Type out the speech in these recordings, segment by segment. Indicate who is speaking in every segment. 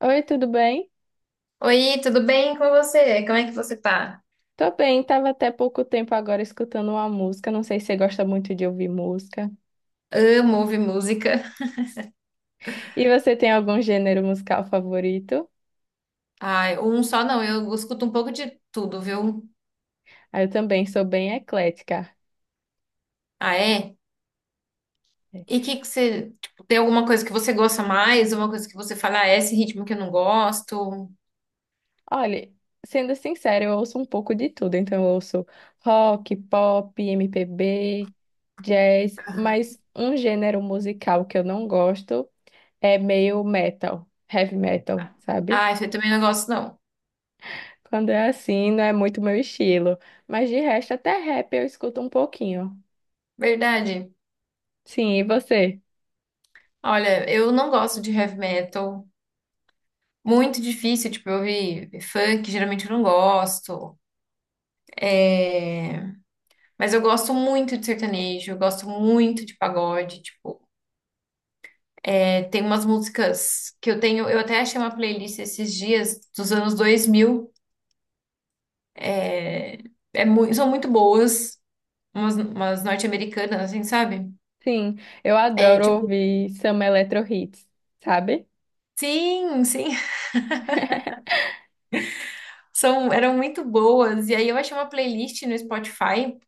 Speaker 1: Oi, tudo bem?
Speaker 2: Oi, tudo bem com você? Como é que você tá?
Speaker 1: Tô bem, tava até pouco tempo agora escutando uma música. Não sei se você gosta muito de ouvir música.
Speaker 2: Amo ouvir música.
Speaker 1: E você tem algum gênero musical favorito?
Speaker 2: Ai, um só não, eu escuto um pouco de tudo, viu?
Speaker 1: Ah, eu também sou bem eclética.
Speaker 2: Ah, é? E o que que você, tipo, tem alguma coisa que você gosta mais? Uma coisa que você fala, ah, é esse ritmo que eu não gosto?
Speaker 1: Olha, sendo sincera, eu ouço um pouco de tudo. Então, eu ouço rock, pop, MPB, jazz, mas um gênero musical que eu não gosto é meio metal, heavy metal, sabe?
Speaker 2: Ah, eu também não gosto, não.
Speaker 1: Quando é assim, não é muito meu estilo. Mas de resto, até rap eu escuto um pouquinho.
Speaker 2: Verdade.
Speaker 1: Sim, e você?
Speaker 2: Olha, eu não gosto de heavy metal. Muito difícil, tipo, eu ouvir funk, geralmente eu não gosto. É... Mas eu gosto muito de sertanejo, eu gosto muito de pagode, tipo. Tem umas músicas que eu tenho, eu até achei uma playlist esses dias dos anos 2000. É, São muito boas, umas norte-americanas, assim, sabe?
Speaker 1: Sim, eu
Speaker 2: É
Speaker 1: adoro
Speaker 2: tipo,
Speaker 1: ouvir Samba Eletro Hits, sabe?
Speaker 2: sim, sim, eram muito boas. E aí eu achei uma playlist no Spotify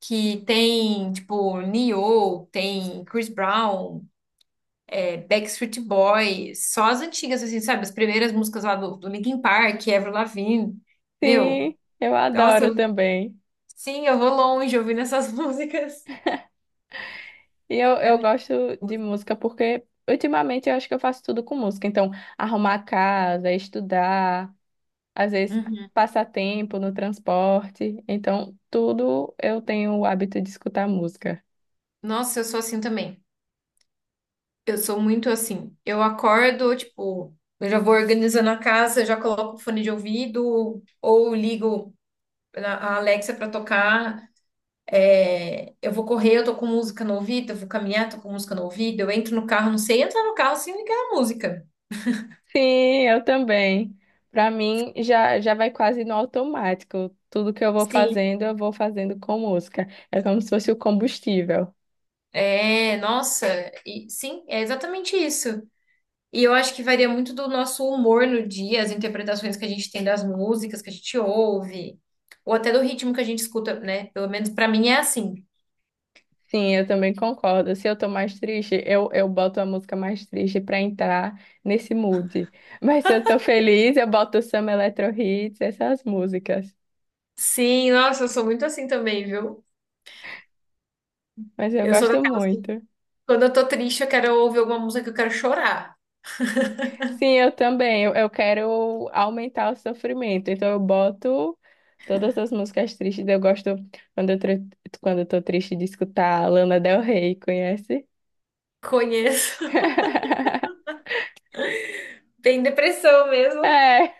Speaker 2: que tem, tipo, Neo, tem Chris Brown, Backstreet Boys, só as antigas, assim, sabe? As primeiras músicas lá do Linkin Park, Avril Lavigne. Meu,
Speaker 1: Sim, eu
Speaker 2: nossa,
Speaker 1: adoro também.
Speaker 2: sim, eu vou longe ouvindo essas músicas.
Speaker 1: E eu,
Speaker 2: É
Speaker 1: eu
Speaker 2: muito
Speaker 1: gosto de
Speaker 2: gostoso.
Speaker 1: música porque ultimamente eu acho que eu faço tudo com música. Então, arrumar a casa, estudar, às vezes
Speaker 2: Uhum.
Speaker 1: passar tempo no transporte. Então, tudo eu tenho o hábito de escutar música.
Speaker 2: Nossa, eu sou assim também. Eu sou muito assim. Eu acordo, tipo, eu já vou organizando a casa, eu já coloco o fone de ouvido ou ligo a Alexa pra tocar. Eu vou correr, eu tô com música no ouvido, eu vou caminhar, tô com música no ouvido, eu entro no carro, não sei entrar no carro sem ligar a música.
Speaker 1: Sim, eu também. Para mim, já vai quase no automático. Tudo que
Speaker 2: Sim.
Speaker 1: eu vou fazendo com música. É como se fosse o combustível.
Speaker 2: Nossa, e sim, é exatamente isso. E eu acho que varia muito do nosso humor no dia, as interpretações que a gente tem das músicas que a gente ouve, ou até do ritmo que a gente escuta, né? Pelo menos pra mim é assim.
Speaker 1: Sim, eu também concordo. Se eu tô mais triste, eu boto a música mais triste para entrar nesse mood. Mas se eu tô feliz, eu boto samba, eletro hits, essas músicas.
Speaker 2: Sim, nossa, eu sou muito assim também, viu?
Speaker 1: Mas eu
Speaker 2: Eu sou
Speaker 1: gosto
Speaker 2: daquelas que,
Speaker 1: muito.
Speaker 2: quando eu tô triste, eu quero ouvir alguma música que eu quero chorar.
Speaker 1: Sim, eu também. Eu quero aumentar o sofrimento. Então eu boto todas as músicas tristes. Eu gosto quando quando eu tô triste de escutar Lana Del Rey, conhece?
Speaker 2: Conheço. Tem depressão mesmo.
Speaker 1: É,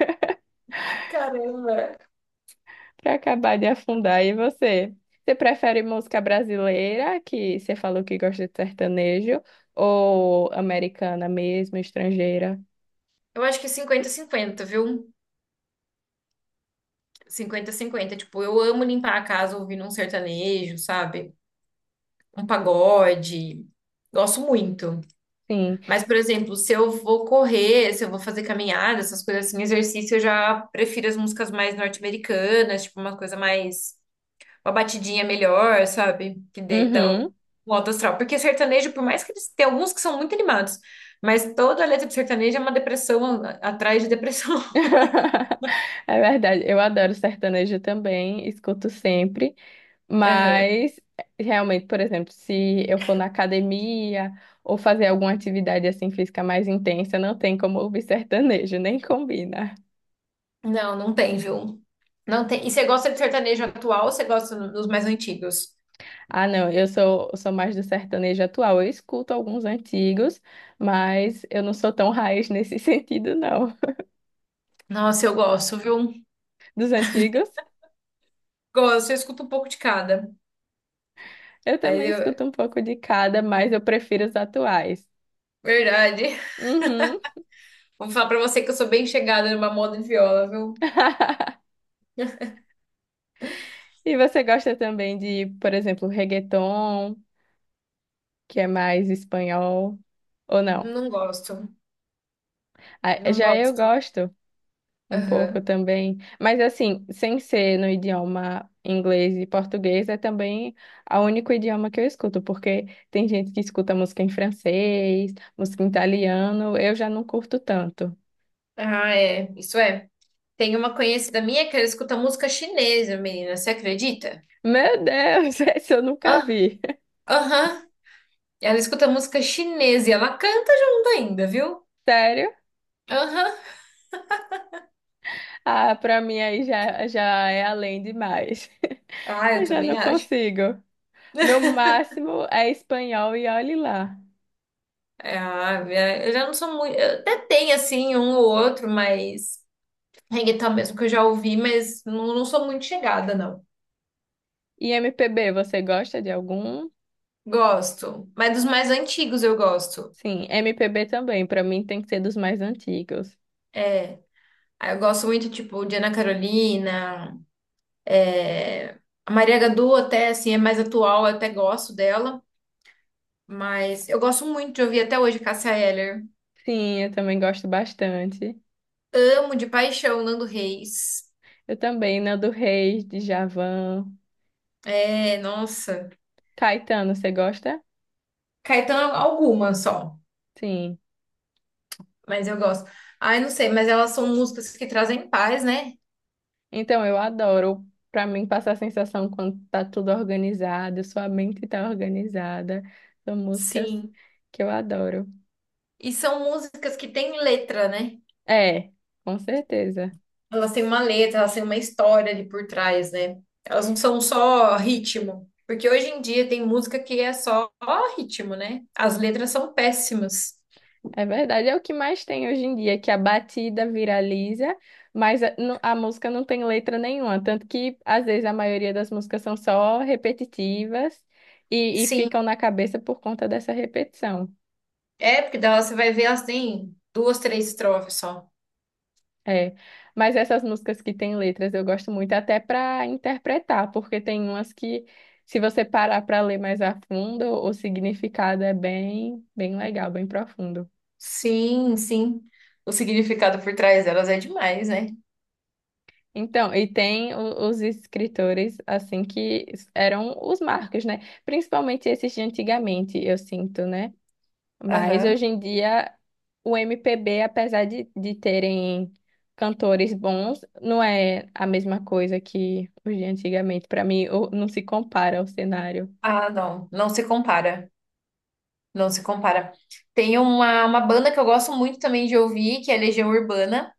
Speaker 2: Caramba.
Speaker 1: pra acabar de afundar. E você? Você prefere música brasileira, que você falou que gosta de sertanejo, ou americana mesmo, estrangeira?
Speaker 2: Eu acho que 50 cinquenta, viu? 50 cinquenta. Tipo, eu amo limpar a casa ouvindo um sertanejo, sabe? Um pagode. Gosto muito.
Speaker 1: Sim.
Speaker 2: Mas, por exemplo, se eu vou correr, se eu vou fazer caminhada, essas coisas assim, exercício, eu já prefiro as músicas mais norte-americanas, tipo uma coisa mais, uma batidinha melhor, sabe? Dá um
Speaker 1: Uhum.
Speaker 2: um alto astral. Porque sertanejo, por mais que eles tem alguns que são muito animados, mas toda a letra de sertanejo é uma depressão atrás de depressão.
Speaker 1: É verdade. Eu adoro sertanejo também, escuto sempre.
Speaker 2: Aham.
Speaker 1: Mas, realmente, por exemplo, se eu for na academia ou fazer alguma atividade assim física mais intensa, não tem como ouvir sertanejo, nem combina.
Speaker 2: Não, não tem, viu? Não tem. E você gosta de sertanejo atual ou você gosta dos mais antigos?
Speaker 1: Ah, não, eu sou mais do sertanejo atual. Eu escuto alguns antigos, mas eu não sou tão raiz nesse sentido, não.
Speaker 2: Nossa, eu gosto, viu?
Speaker 1: Dos antigos,
Speaker 2: Gosto, eu escuto um pouco de cada.
Speaker 1: eu
Speaker 2: Mas
Speaker 1: também escuto
Speaker 2: eu...
Speaker 1: um pouco de cada, mas eu prefiro os atuais.
Speaker 2: Verdade.
Speaker 1: Uhum.
Speaker 2: Vou falar pra você que eu sou bem chegada numa moda de viola, viu?
Speaker 1: E você gosta também de, por exemplo, reggaeton? Que é mais espanhol ou não.
Speaker 2: Não gosto.
Speaker 1: Ah,
Speaker 2: Não
Speaker 1: já eu
Speaker 2: gosto.
Speaker 1: gosto um pouco
Speaker 2: Aham.
Speaker 1: também, mas assim, sem ser no idioma inglês e português, é também o único idioma que eu escuto, porque tem gente que escuta música em francês, música em italiano, eu já não curto tanto.
Speaker 2: Ah, é. Isso é. Tem uma conhecida minha que ela escuta música chinesa, menina. Você acredita?
Speaker 1: Meu Deus, esse eu nunca
Speaker 2: Ah,
Speaker 1: vi.
Speaker 2: aham. Ela escuta música chinesa e ela canta junto ainda, viu?
Speaker 1: Sério?
Speaker 2: Aham.
Speaker 1: Ah, pra mim aí já é além demais.
Speaker 2: Ah, eu
Speaker 1: Eu já
Speaker 2: também
Speaker 1: não
Speaker 2: acho.
Speaker 1: consigo. Meu máximo é espanhol e olhe lá.
Speaker 2: Ah, eu já não sou muito. Eu até tem, assim, um ou outro, mas. Reggaeton mesmo que eu já ouvi, mas não, não sou muito chegada, não.
Speaker 1: E MPB, você gosta de algum?
Speaker 2: Gosto. Mas dos mais antigos eu gosto.
Speaker 1: Sim, MPB também, pra mim tem que ser dos mais antigos.
Speaker 2: É, Aí eu gosto muito, tipo, de Ana Carolina. é, A Maria Gadu até, assim, é mais atual, eu até gosto dela. Mas eu gosto muito de ouvir até hoje Cássia Eller.
Speaker 1: Sim, eu também gosto bastante.
Speaker 2: Amo de paixão Nando Reis.
Speaker 1: Eu também, Nando Reis, Djavan,
Speaker 2: Nossa.
Speaker 1: Caetano, você gosta?
Speaker 2: Caetano, alguma só.
Speaker 1: Sim.
Speaker 2: Mas eu gosto. Ai, não sei, mas elas são músicas que trazem paz, né?
Speaker 1: Então, eu adoro. Pra mim, passar a sensação quando tá tudo organizado, sua mente tá organizada. São músicas
Speaker 2: Sim.
Speaker 1: que eu adoro.
Speaker 2: E são músicas que têm letra, né?
Speaker 1: É, com certeza.
Speaker 2: Elas têm uma letra, elas têm uma história ali por trás, né? Elas não são só ritmo. Porque hoje em dia tem música que é só ritmo, né? As letras são péssimas.
Speaker 1: É verdade, é o que mais tem hoje em dia, que a batida viraliza, mas a música não tem letra nenhuma, tanto que às vezes a maioria das músicas são só repetitivas e
Speaker 2: Sim,
Speaker 1: ficam na cabeça por conta dessa repetição.
Speaker 2: porque delas você vai ver, elas têm duas, três estrofes só.
Speaker 1: É, mas essas músicas que têm letras eu gosto muito até para interpretar, porque tem umas que se você parar para ler mais a fundo, o significado é bem, bem legal, bem profundo.
Speaker 2: Sim, sim. O significado por trás delas é demais, né?
Speaker 1: Então, e tem os escritores, assim, que eram os marcos, né? Principalmente esses de antigamente, eu sinto, né? Mas
Speaker 2: Aham.
Speaker 1: hoje em dia, o MPB, apesar de terem cantores bons, não é a mesma coisa que os de antigamente. Para mim, não se compara ao cenário.
Speaker 2: Ah, não. Não se compara. Não se compara. Tem uma banda que eu gosto muito também de ouvir, que é Legião Urbana.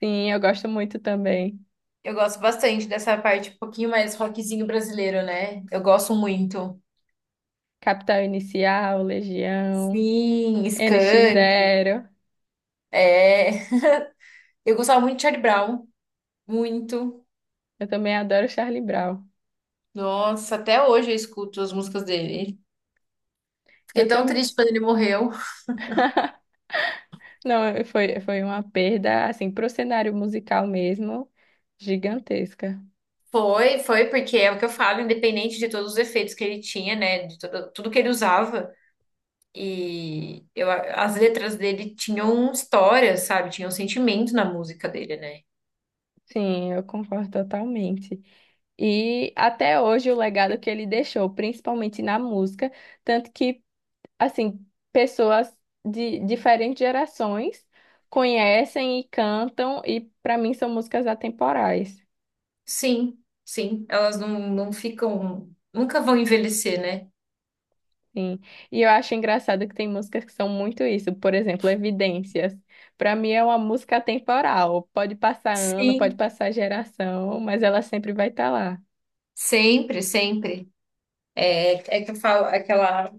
Speaker 1: Sim, eu gosto muito também.
Speaker 2: Eu gosto bastante dessa parte um pouquinho mais rockzinho brasileiro, né? Eu gosto muito.
Speaker 1: Capital Inicial, Legião,
Speaker 2: Sim,
Speaker 1: NX
Speaker 2: Skank.
Speaker 1: Zero.
Speaker 2: É. Eu gostava muito de Charlie Brown. Muito.
Speaker 1: Eu também adoro Charlie Brown.
Speaker 2: Nossa, até hoje eu escuto as músicas dele. Fiquei
Speaker 1: Eu
Speaker 2: tão
Speaker 1: também.
Speaker 2: triste quando ele morreu.
Speaker 1: Não, foi uma perda, assim, pro cenário musical mesmo, gigantesca.
Speaker 2: Foi, foi, porque é o que eu falo, independente de todos os efeitos que ele tinha, né? De tudo, tudo que ele usava. As letras dele tinham história, sabe? Tinham sentimento na música dele, né?
Speaker 1: Sim, eu concordo totalmente. E até hoje o legado que ele deixou, principalmente na música, tanto que, assim, pessoas de diferentes gerações conhecem e cantam, e para mim são músicas atemporais.
Speaker 2: Sim, sim, elas não, não ficam, nunca vão envelhecer, né?
Speaker 1: Sim. E eu acho engraçado que tem músicas que são muito isso. Por exemplo, Evidências. Pra mim é uma música atemporal. Pode passar ano, pode
Speaker 2: Sim,
Speaker 1: passar geração, mas ela sempre vai estar lá.
Speaker 2: sempre, sempre. É que eu falo aquela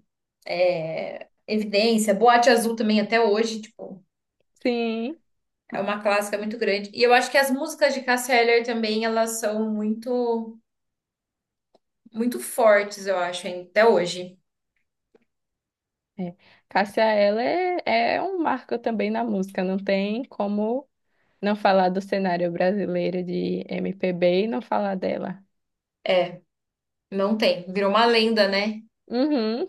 Speaker 2: evidência, Boate Azul também até hoje, tipo,
Speaker 1: Sim.
Speaker 2: é uma clássica muito grande. E eu acho que as músicas de Cássia Eller também, elas são muito, muito fortes, eu acho, hein, até hoje.
Speaker 1: É. Cássia Eller é, é um marco também na música. Não tem como não falar do cenário brasileiro de MPB e não falar dela.
Speaker 2: Não tem, virou uma lenda, né?
Speaker 1: Uhum.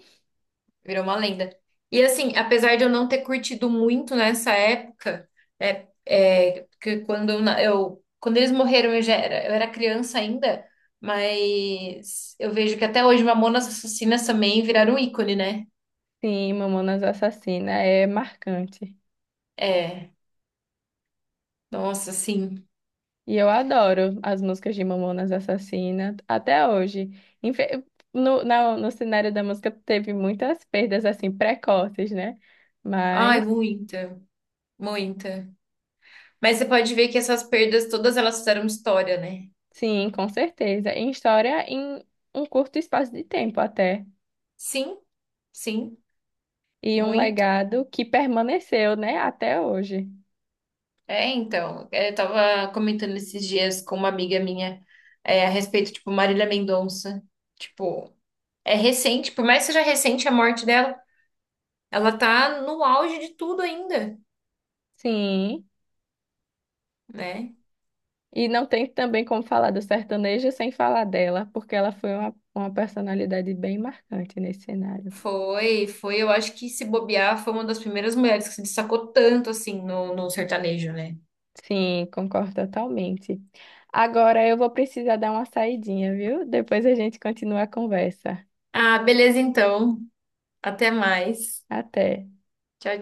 Speaker 2: Virou uma lenda. E assim, apesar de eu não ter curtido muito nessa época, que quando eles morreram eu era criança ainda, mas eu vejo que até hoje Mamonas Assassinas também viraram ícone, né?
Speaker 1: Sim, Mamonas Assassina é marcante.
Speaker 2: É, Nossa, sim,
Speaker 1: E eu adoro as músicas de Mamonas Assassina até hoje. Infe- no cenário da música teve muitas perdas assim precoces, né?
Speaker 2: ai,
Speaker 1: Mas
Speaker 2: muita, muita. Mas você pode ver que essas perdas todas elas fizeram história, né?
Speaker 1: sim, com certeza. Em história, em um curto espaço de tempo até.
Speaker 2: Sim, sim,
Speaker 1: E um
Speaker 2: muito.
Speaker 1: legado que permaneceu, né, até hoje.
Speaker 2: Então, eu tava comentando esses dias com uma amiga minha, a respeito, tipo, Marília Mendonça. Tipo, é recente, por mais que seja recente a morte dela, ela tá no auge de tudo ainda,
Speaker 1: Sim.
Speaker 2: né?
Speaker 1: E não tem também como falar do sertanejo sem falar dela, porque ela foi uma personalidade bem marcante nesse cenário.
Speaker 2: Foi, foi, eu acho que se bobear, foi uma das primeiras mulheres que se destacou tanto assim no sertanejo, né?
Speaker 1: Sim, concordo totalmente. Agora eu vou precisar dar uma saidinha, viu? Depois a gente continua a conversa.
Speaker 2: Ah, beleza então. Até mais.
Speaker 1: Até.
Speaker 2: Tchau,